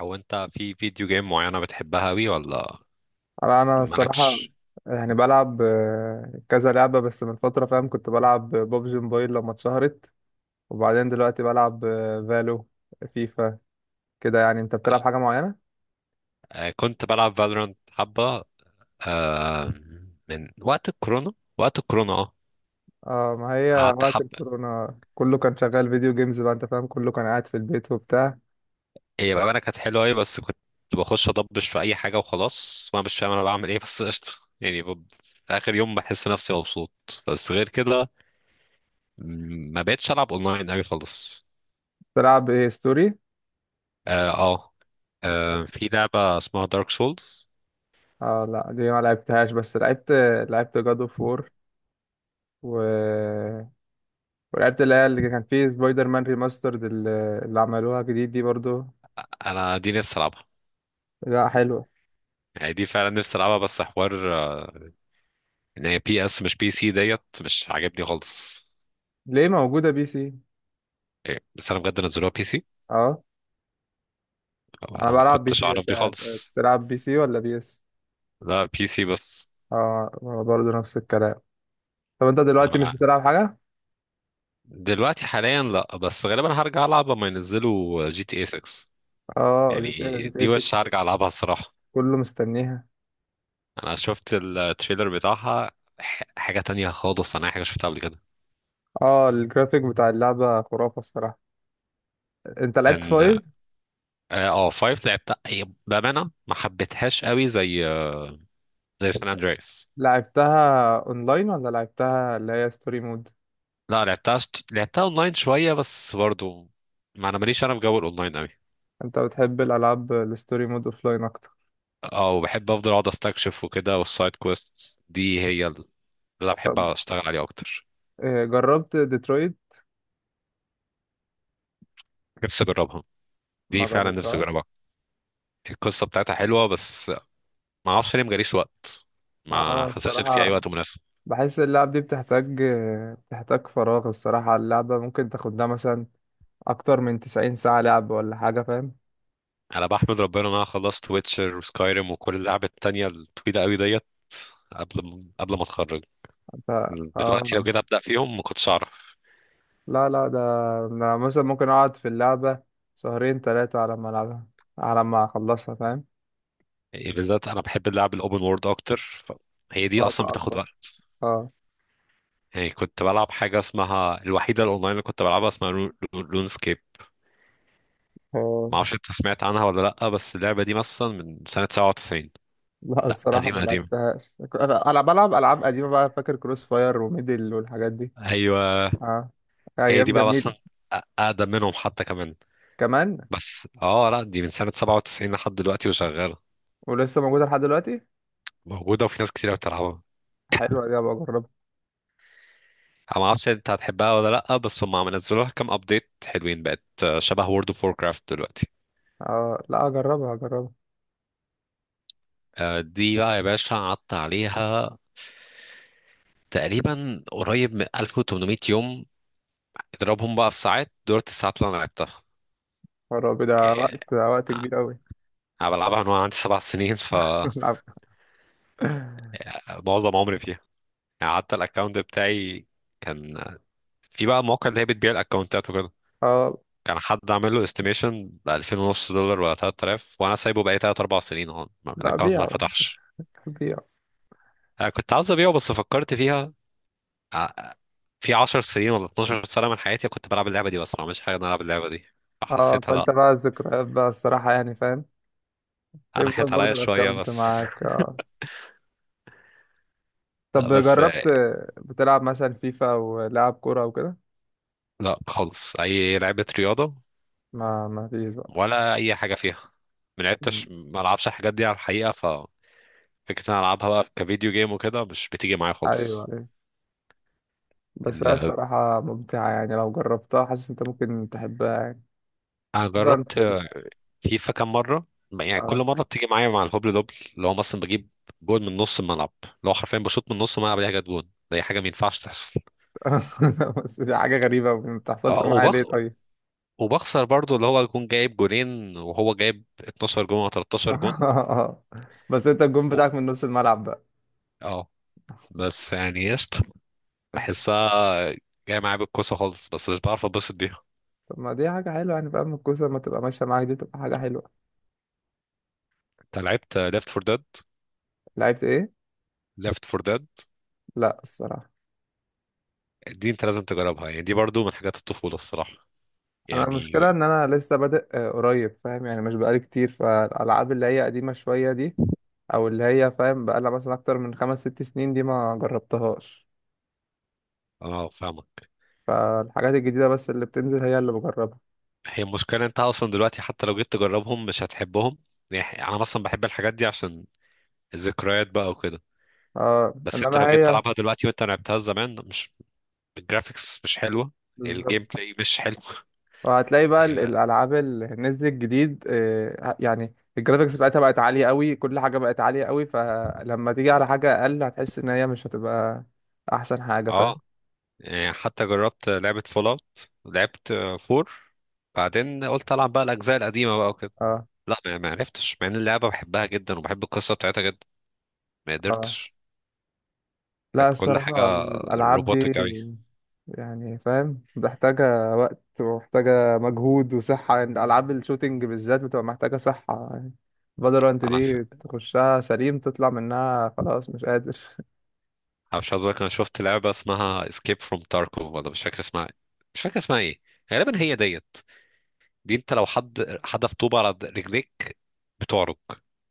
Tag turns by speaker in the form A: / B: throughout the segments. A: او انت في فيديو جيم معينة بتحبها اوي ولا
B: انا الصراحه،
A: مالكش؟
B: يعني بلعب كذا لعبه. بس من فتره فاهم، كنت بلعب ببجي موبايل لما اتشهرت. وبعدين دلوقتي بلعب فالو، فيفا كده. يعني انت بتلعب حاجه معينه؟
A: كنت بلعب فالورانت حبة، آه من وقت الكورونا. وقت الكورونا اه
B: اه، ما هي
A: قعدت
B: وقت
A: حبة.
B: الكورونا كله كان شغال فيديو جيمز بقى. انت فاهم، كله كان قاعد في البيت وبتاع.
A: هي بقى انا كانت حلوة اوي، بس كنت بخش اضبش في اي حاجة وخلاص وانا مش فاهم انا بعمل ايه بس قشطة. يعني ب- في اخر يوم بحس نفسي مبسوط. بس غير كده ما بقتش العب اونلاين اوي خالص.
B: تلعب ايه، ستوري؟
A: اه اه في لعبة اسمها دارك سولز.
B: اه لا، دي ما لعبتهاش. بس لعبت جاد اوف وور و... ولعبت اللي هي اللي كان فيه سبايدر مان ريماسترد، اللي عملوها جديد دي برضو.
A: انا دي نفسي العبها،
B: لا حلوه.
A: يعني دي فعلا نفسي العبها، بس حوار ان هي بي اس مش بي سي ديت، مش عاجبني خالص.
B: ليه، موجودة بي سي؟
A: بس انا بجد نزلوها بي سي؟
B: اه، انا
A: انا ما
B: بلعب بي
A: كنتش
B: سي.
A: اعرف
B: انت
A: دي خالص.
B: بتلعب بي سي ولا بي اس؟
A: لا بي سي بس.
B: اه، انا برضه نفس الكلام. طب انت دلوقتي مش
A: انا
B: بتلعب حاجه؟
A: دلوقتي حاليا لا، بس غالبا هرجع العب لما ينزلوا جي تي اي 6.
B: اه، جي
A: يعني
B: تي اي جي تي
A: دي وش
B: 6.
A: هرجع العبها الصراحه.
B: كله مستنيها.
A: انا شفت التريلر بتاعها، حاجه تانية خالص، انا أي حاجه شفتها قبل كده.
B: اه، الجرافيك بتاع اللعبه خرافه الصراحه. انت
A: كان
B: لعبت فايف؟
A: اه 5 لعبتها، هي بامانه ما حبيتهاش قوي زي زي سان اندريس.
B: لعبتها اونلاين ولا لعبتها اللي هي ستوري مود؟
A: لا لعبتها اونلاين شويه بس برضو. ما انا ماليش انا في جو الاونلاين قوي.
B: انت بتحب الالعاب الستوري مود اوفلاين اكتر؟
A: اه وبحب افضل اقعد استكشف وكده، والسايد كويست دي هي اللي انا
B: طب
A: بحب اشتغل عليها اكتر.
B: جربت ديترويت؟
A: نفسي اجربها، دي
B: ما
A: فعلا نفسي
B: جربتها.
A: اجربها. القصه بتاعتها حلوه، بس ما اعرفش ليه مجاليش وقت، ما
B: اه،
A: حسيتش ان في
B: الصراحة
A: اي وقت مناسب.
B: بحس اللعب دي بتحتاج بتحتاج فراغ الصراحة. اللعبة ممكن تاخد لها مثلا اكتر من 90 ساعة لعب ولا حاجة، فاهم.
A: انا بحمد ربنا ان انا خلصت ويتشر وسكايريم وكل اللعب التانية الطويله قوي ديت قبل ما اتخرج.
B: ف... اه
A: دلوقتي لو جيت ابدا فيهم ما كنتش اعرف.
B: لا لا، ده انا مثلا ممكن اقعد في اللعبة شهرين ثلاثة على ما العبها، على ما اخلصها فاهم.
A: يعني بالذات انا بحب اللعب الاوبن وورد اكتر، هي دي
B: وقت
A: اصلا بتاخد
B: اكبر،
A: وقت.
B: اه.
A: يعني كنت بلعب حاجه اسمها، الوحيده الاونلاين اللي كنت بلعبها اسمها لون سكيب.
B: آه.
A: ما اعرفش انت سمعت عنها ولا لا، بس اللعبه دي مثلا من سنه 97.
B: لا
A: لا
B: الصراحة ما
A: قديمه قديمه،
B: لعبتهاش. انا بلعب العاب قديمة بقى، فاكر كروس فاير وميدل والحاجات دي.
A: ايوه.
B: اه،
A: هي دي
B: ايام
A: بقى مثلا،
B: جميلة.
A: اقدم منهم حتى كمان.
B: كمان.
A: بس اه لا، دي من سنه 97 لحد دلوقتي وشغاله.
B: ولسه موجودة لحد دلوقتي؟
A: موجوده وفي ناس كتير بتلعبها.
B: حلوة دي، ابقى اجربها.
A: انا ما اعرفش انت هتحبها ولا لا، بس هم عم نزلوا لها كام ابديت حلوين، بقت شبه وورد اوف ووركرافت دلوقتي.
B: اه لا، اجربها اجربها.
A: دي بقى يا باشا قعدت عليها تقريبا قريب من 1800 يوم. اضربهم بقى في ساعات دولت الساعات اللي انا لعبتها.
B: يا رب ده
A: يعني
B: وقت. ده وقت كبير قوي.
A: انا بلعبها من وانا عندي 7 سنين، فمعظم
B: العب.
A: عمري فيها. يعني حتى الاكونت بتاعي كان، في بقى مواقع اللي هي بتبيع الاكونتات وكده،
B: اه
A: كان حد عامل له استيميشن ب 2000 ونص دولار ولا 3000، وانا سايبه بقالي 3 4 سنين اهو،
B: لا،
A: الاكونت ما
B: بيع
A: فتحش.
B: بيع.
A: أنا كنت عاوز ابيعه بس فكرت فيها، آه، في 10 سنين ولا 12 سنة من حياتي كنت بلعب اللعبة دي بس ما عملتش حاجة إن أنا ألعب اللعبة دي،
B: اه،
A: فحسيتها
B: فانت
A: لأ.
B: بقى الذكريات بقى الصراحة، يعني فاهم.
A: أنا
B: بيفضل
A: حيت عليا
B: برضه
A: شوية
B: الاكونت
A: بس.
B: معاك، آه.
A: لا،
B: طب
A: بس
B: جربت، بتلعب مثلا فيفا ولعب كورة وكده؟
A: لأ خالص أي لعبة رياضة،
B: ما فيش بقى.
A: ولا أي حاجة فيها. ما
B: مم.
A: لعبتش، ما ألعبش الحاجات دي على الحقيقة، ففكرة إن أنا ألعبها بقى كفيديو جيم وكده مش بتيجي معايا
B: ايوه
A: خالص.
B: ايوه، بس هي
A: ال-
B: الصراحة ممتعة. يعني لو جربتها، حاسس انت ممكن تحبها يعني.
A: أنا
B: خصوصا في
A: جربت فيفا كام مرة، يعني كل
B: اه.
A: مرة بتيجي معايا مع الهبل دبل، اللي هو مثلا بجيب جول من نص الملعب، اللي هو حرفيا بشوط من نص الملعب، دي حاجة، جول دي حاجة ما ينفعش تحصل.
B: بس دي حاجة غريبة، ما بتحصلش
A: اه
B: معايا ليه
A: وبخ...
B: طيب؟
A: وبخسر برضو، اللي هو يكون جايب جونين وهو جايب 12 جون او 13 جون.
B: بس انت الجون
A: و-
B: بتاعك من نص الملعب بقى؟
A: اه بس يعني قشطة، بحسها جاية معايا بالكوسة خالص، بس مش بعرف اتبسط بيها.
B: طب ما دي حاجة حلوة، يعني فاهم. الكوسة لما تبقى ماشية معاك دي تبقى حاجة حلوة.
A: انت لعبت ليفت فور ديد؟
B: لعبت ايه؟
A: ليفت فور ديد،
B: لا الصراحة.
A: دي انت لازم تجربها، يعني دي برضو من حاجات الطفولة الصراحة.
B: انا
A: يعني
B: المشكله ان انا لسه بادئ قريب فاهم. يعني مش بقالي كتير فالالعاب اللي هي قديمه شويه دي. او اللي هي فاهم بقالها مثلا اكتر من خمس ست سنين، دي ما جربتهاش.
A: انا فاهمك.
B: فالحاجات الجديده بس اللي بتنزل هي اللي بجربها.
A: هي المشكلة انت اصلا دلوقتي حتى لو جيت تجربهم مش هتحبهم. يعني انا مثلا بحب الحاجات دي عشان الذكريات بقى وكده،
B: اه،
A: بس انت
B: انما
A: لو جيت
B: هي
A: تلعبها دلوقتي وانت لعبتها زمان مش، الجرافيكس مش حلوه، الجيم
B: بالظبط.
A: بلاي مش حلو.
B: وهتلاقي بقى
A: يعني لا.
B: الالعاب اللي نزلت جديد يعني الجرافيكس بتاعتها بقت عاليه قوي، كل حاجه بقت عاليه قوي. فلما تيجي على حاجه اقل، هتحس ان هي مش هتبقى احسن حاجه، فاهم.
A: اه يعني حتى جربت لعبه فول اوت، لعبت فور، بعدين قلت العب بقى الاجزاء القديمه بقى وكده.
B: اه
A: لا ما عرفتش، مع ان اللعبه بحبها جدا وبحب القصه بتاعتها جدا، ما
B: اه،
A: قدرتش.
B: لا
A: كانت كل حاجه
B: الصراحة الألعاب دي،
A: روبوتك قوي.
B: يعني فاهم، محتاجة وقت ومحتاجة مجهود وصحة. يعني ألعاب الشوتينج بالذات بتبقى محتاجة صحة يعني. فالورانت
A: انا ف...
B: دي تخشها سليم، تطلع منها خلاص مش قادر.
A: أنا مش عايز اقول، انا شفت لعبه اسمها اسكيب فروم تاركو ولا مش فاكر اسمها، مش فاكر اسمها ايه، غالبا هي ديت. دي انت لو حد حدف طوبة على رجليك بتعرج.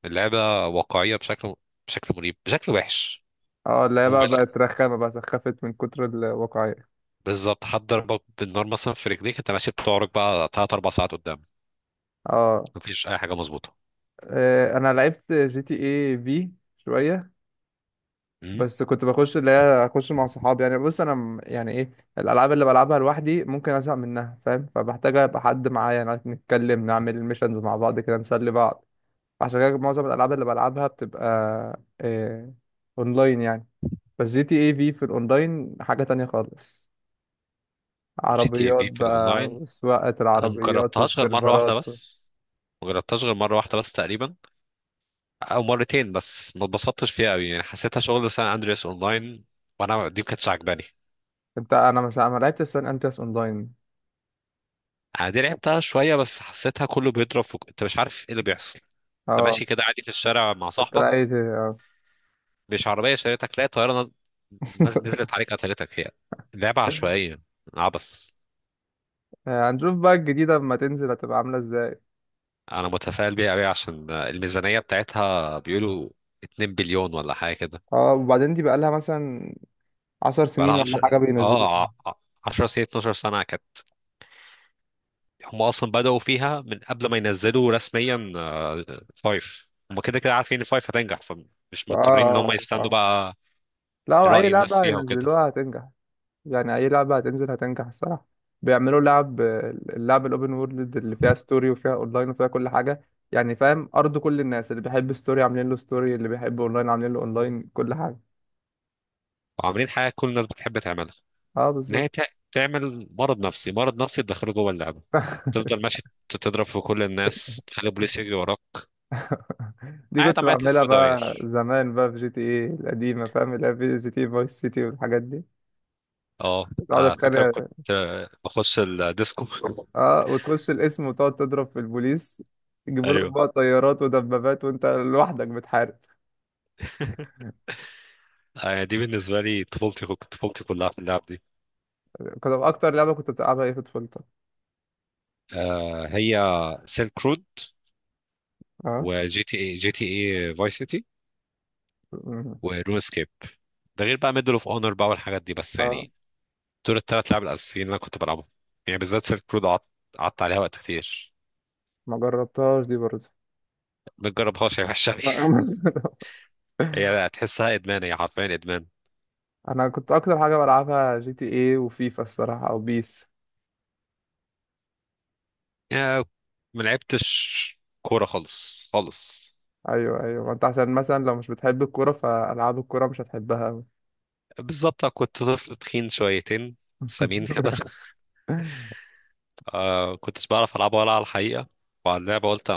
A: اللعبة واقعية بشكل، بشكل مريب، بشكل وحش
B: اه، اللي هي بقى
A: مبالغ.
B: بقت رخامة بقى، سخفت من كتر الواقعية.
A: بالظبط، حد ضربك بالنار مثلا في رجليك انت ماشي بتعرج بقى تلات أربع ساعات قدام.
B: اه.
A: مفيش أي حاجة مظبوطة.
B: انا لعبت جي تي اي في شوية.
A: امم
B: بس كنت بخش اللي هي اخش مع صحابي. يعني بص، انا يعني ايه، الالعاب اللي بلعبها لوحدي ممكن ازهق منها فاهم. فبحتاج ابقى حد معايا، يعني نتكلم، نعمل ميشنز مع بعض كده، نسلي بعض. عشان كده معظم الالعاب اللي بلعبها بتبقى إيه، اونلاين يعني. بس جي تي اي في في الاونلاين حاجة تانية خالص.
A: جي تي اي
B: عربيات
A: في في
B: بقى،
A: الأونلاين،
B: وسواقة
A: أنا
B: العربيات
A: مجربتهاش غير مرة واحدة
B: والسيرفرات.
A: بس، مجربتهاش غير مرة واحدة بس تقريبا، أو مرتين بس، ما اتبسطتش فيها أوي، يعني حسيتها شغل سان أندرياس أونلاين، وأنا دي ما كانتش عجباني.
B: انت، انا مش، ما لعبتش سان اندرياس اونلاين.
A: أنا دي لعبتها شوية بس حسيتها كله بيضرب في... أنت مش عارف إيه اللي بيحصل. انت
B: اه
A: ماشي كده عادي في الشارع مع
B: كنت
A: صاحبك،
B: لقيت.
A: مش عربيه شريتك تلاقي طياره نزلت عليك قتلتك. هي لعبه عشوائيه، عبس.
B: هنشوف بقى الجديدة لما تنزل هتبقى عاملة ازاي.
A: انا متفائل بيها قوي عشان الميزانيه بتاعتها بيقولوا 2 بليون ولا حاجه كده.
B: اه، وبعدين دي بقالها مثلا 10 سنين
A: بقالها
B: ولا
A: 10
B: حاجة
A: اه
B: بينزلوها.
A: ع- 10 سنين 12 سنه كانت. هم اصلا بداوا فيها من قبل ما ينزلوا رسميا، فايف. هم كده كده عارفين ان فايف هتنجح، فمش
B: اه
A: مضطرين ان هم
B: اه اه،
A: يستنوا بقى
B: لا أي
A: راي الناس
B: لعبة
A: فيها وكده.
B: ينزلوها هتنجح. يعني أي لعبة هتنزل هتنجح الصراحة. بيعملوا لعب، اللعب الأوبن وورلد اللي فيها ستوري وفيها أونلاين وفيها كل حاجة. يعني فاهم، أرض كل الناس. اللي بيحب ستوري، عاملين له ستوري. اللي بيحب أونلاين، عاملين له أونلاين. كل حاجة.
A: وعاملين حاجه كل الناس بتحب تعملها،
B: اه
A: ان
B: بالظبط.
A: هي تعمل مرض نفسي، مرض نفسي تدخله جوه اللعبه، تفضل ماشي، تضرب في كل الناس، تخلي البوليس يجري وراك،
B: دي
A: قاعد
B: كنت
A: عمال تلف
B: بعملها
A: في
B: بقى
A: دواير.
B: زمان بقى في جي تي ايه القديمة، فاهم، اللي هي في جي تي اي فايس سيتي والحاجات دي.
A: اه،
B: كنت أقعد
A: فاكر كنت
B: أتخانق.
A: بخش الديسكو
B: اه، وتخش القسم وتقعد تضرب في البوليس، يجيبوا لك
A: ايوه.
B: بقى طيارات ودبابات وانت لوحدك بتحارب.
A: يعني دي بالنسبه لي طفولتي، طفولتي كلها في اللعب دي.
B: كنت اكتر لعبه كنت بتلعبها ايه في طفولتك؟
A: هي سيلك رود،
B: اه.
A: وجي تي اي جي تي اي فاي سيتي،
B: مم.
A: ونو اسكيب. ده غير بقى ميدل اوف اونر بقى والحاجات دي، بس
B: اه،
A: يعني دول الثلاث لعب الاساسيين اللي انا كنت بلعبهم. يعني بالذات سيلك رود قعدت عليها وقت كتير.
B: ما جربتهاش دي برضه.
A: ما تجربهاش يا وحشه أوي.
B: لا،
A: هي هتحسها ادمان، هي حرفيا ادمان.
B: انا كنت اكتر حاجه بلعبها جي تي ايه وفيفا الصراحه، او بيس.
A: يا ما لعبتش كوره خالص خالص.
B: ايوه ايوه، ما انت عشان مثلا لو مش بتحب الكوره، فالعاب الكوره مش هتحبها أوي.
A: بالظبط كنت طفل تخين شويتين، سمين كده. آه كنتش بعرف العبها ولا على الحقيقه، وعلى اللعبه قلت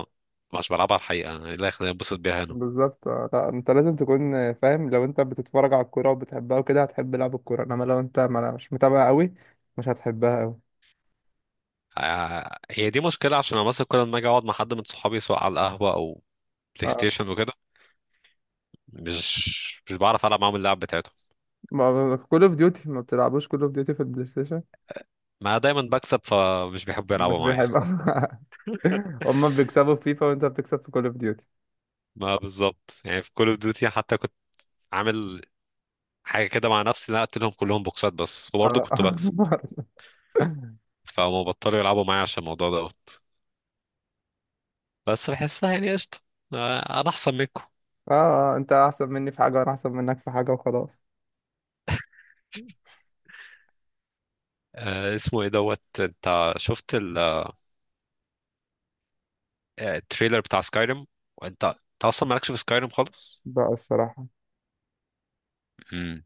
A: مش بلعبها على الحقيقه، إيه اللي يخليني انبسط بيها هنا.
B: بالظبط. لا، انت لازم تكون فاهم. لو انت بتتفرج على الكوره وبتحبها وكده، هتحب لعب الكوره. انما لو انت ما مش متابع قوي، مش هتحبها قوي.
A: آه، هي دي مشكله، عشان انا مثلا كل ما اجي اقعد مع حد من صحابي سواء على القهوه او بلاي
B: اه،
A: ستيشن وكده، مش بعرف العب معاهم اللعب بتاعتهم.
B: ما كول اوف ديوتي، ما بتلعبوش كول اوف ديوتي في البلاي ستيشن؟
A: ما دايما بكسب فمش بيحبوا يلعبوا
B: مش
A: معايا.
B: بيحب. هما بيكسبوا في فيفا، وانت بتكسب في كول اوف ديوتي.
A: ما بالظبط، يعني في كول اوف ديوتي حتى كنت عامل حاجه كده مع نفسي، إن انا قلت لهم كلهم بوكسات بس، وبرضه
B: اه.
A: كنت بكسب،
B: اه.
A: فهم بطلوا يلعبوا معايا عشان الموضوع دوت. بس بحسها يعني قشطه، انا احسن منكم.
B: انت احسن مني في حاجه، وانا احسن منك في حاجه، وخلاص.
A: اسمه ايه دوت، انت شفت التريلر بتاع سكايريم؟ وانت اصلا مالكش في سكايريم خالص.
B: بقى الصراحه.
A: امم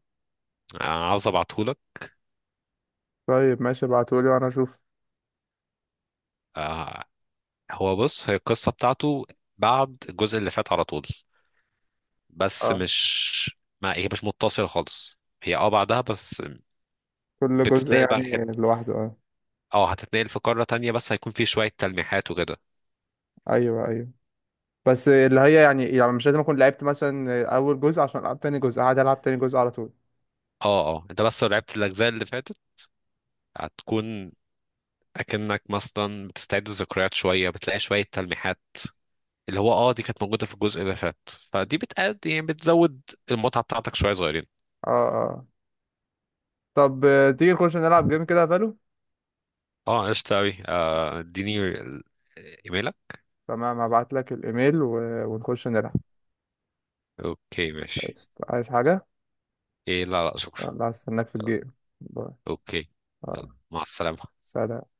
A: انا عاوز ابعتهولك.
B: طيب ماشي، ابعتولي وانا اشوف.
A: آه، هو بص، هي القصه بتاعته بعد الجزء اللي فات على طول، بس
B: اه،
A: مش، ما هي مش متصله خالص، هي اه بعدها بس.
B: كل جزء
A: بتتنقل بقى،
B: يعني لوحده، اه.
A: اه هتتنقل في قارة تانية، بس هيكون في شوية تلميحات وكده.
B: ايوه ايوه، بس اللي هي يعني مش لازم اكون لعبت مثلا اول جزء عشان العب تاني جزء. قاعد العب تاني جزء على طول.
A: اه اه، انت بس لو لعبت الأجزاء اللي فاتت هتكون أكنك مثلا بتستعيد الذكريات شوية، بتلاقي شوية تلميحات اللي هو اه دي كانت موجودة في الجزء اللي فات، فدي بتقد يعني بتزود المتعة بتاعتك شوية صغيرين.
B: اه اه. طب تيجي نخش نلعب جيم كده يا فالو؟
A: اه قشطة أوي، اديني ايميلك.
B: تمام، هبعت لك الايميل ونخش نلعب.
A: اوكي ماشي.
B: عايز حاجة؟
A: ايه لا لا شكرا.
B: يلا، هستناك في الجيم. باي.
A: اوكي. يلا،
B: آه،
A: مع السلامة.
B: سلام.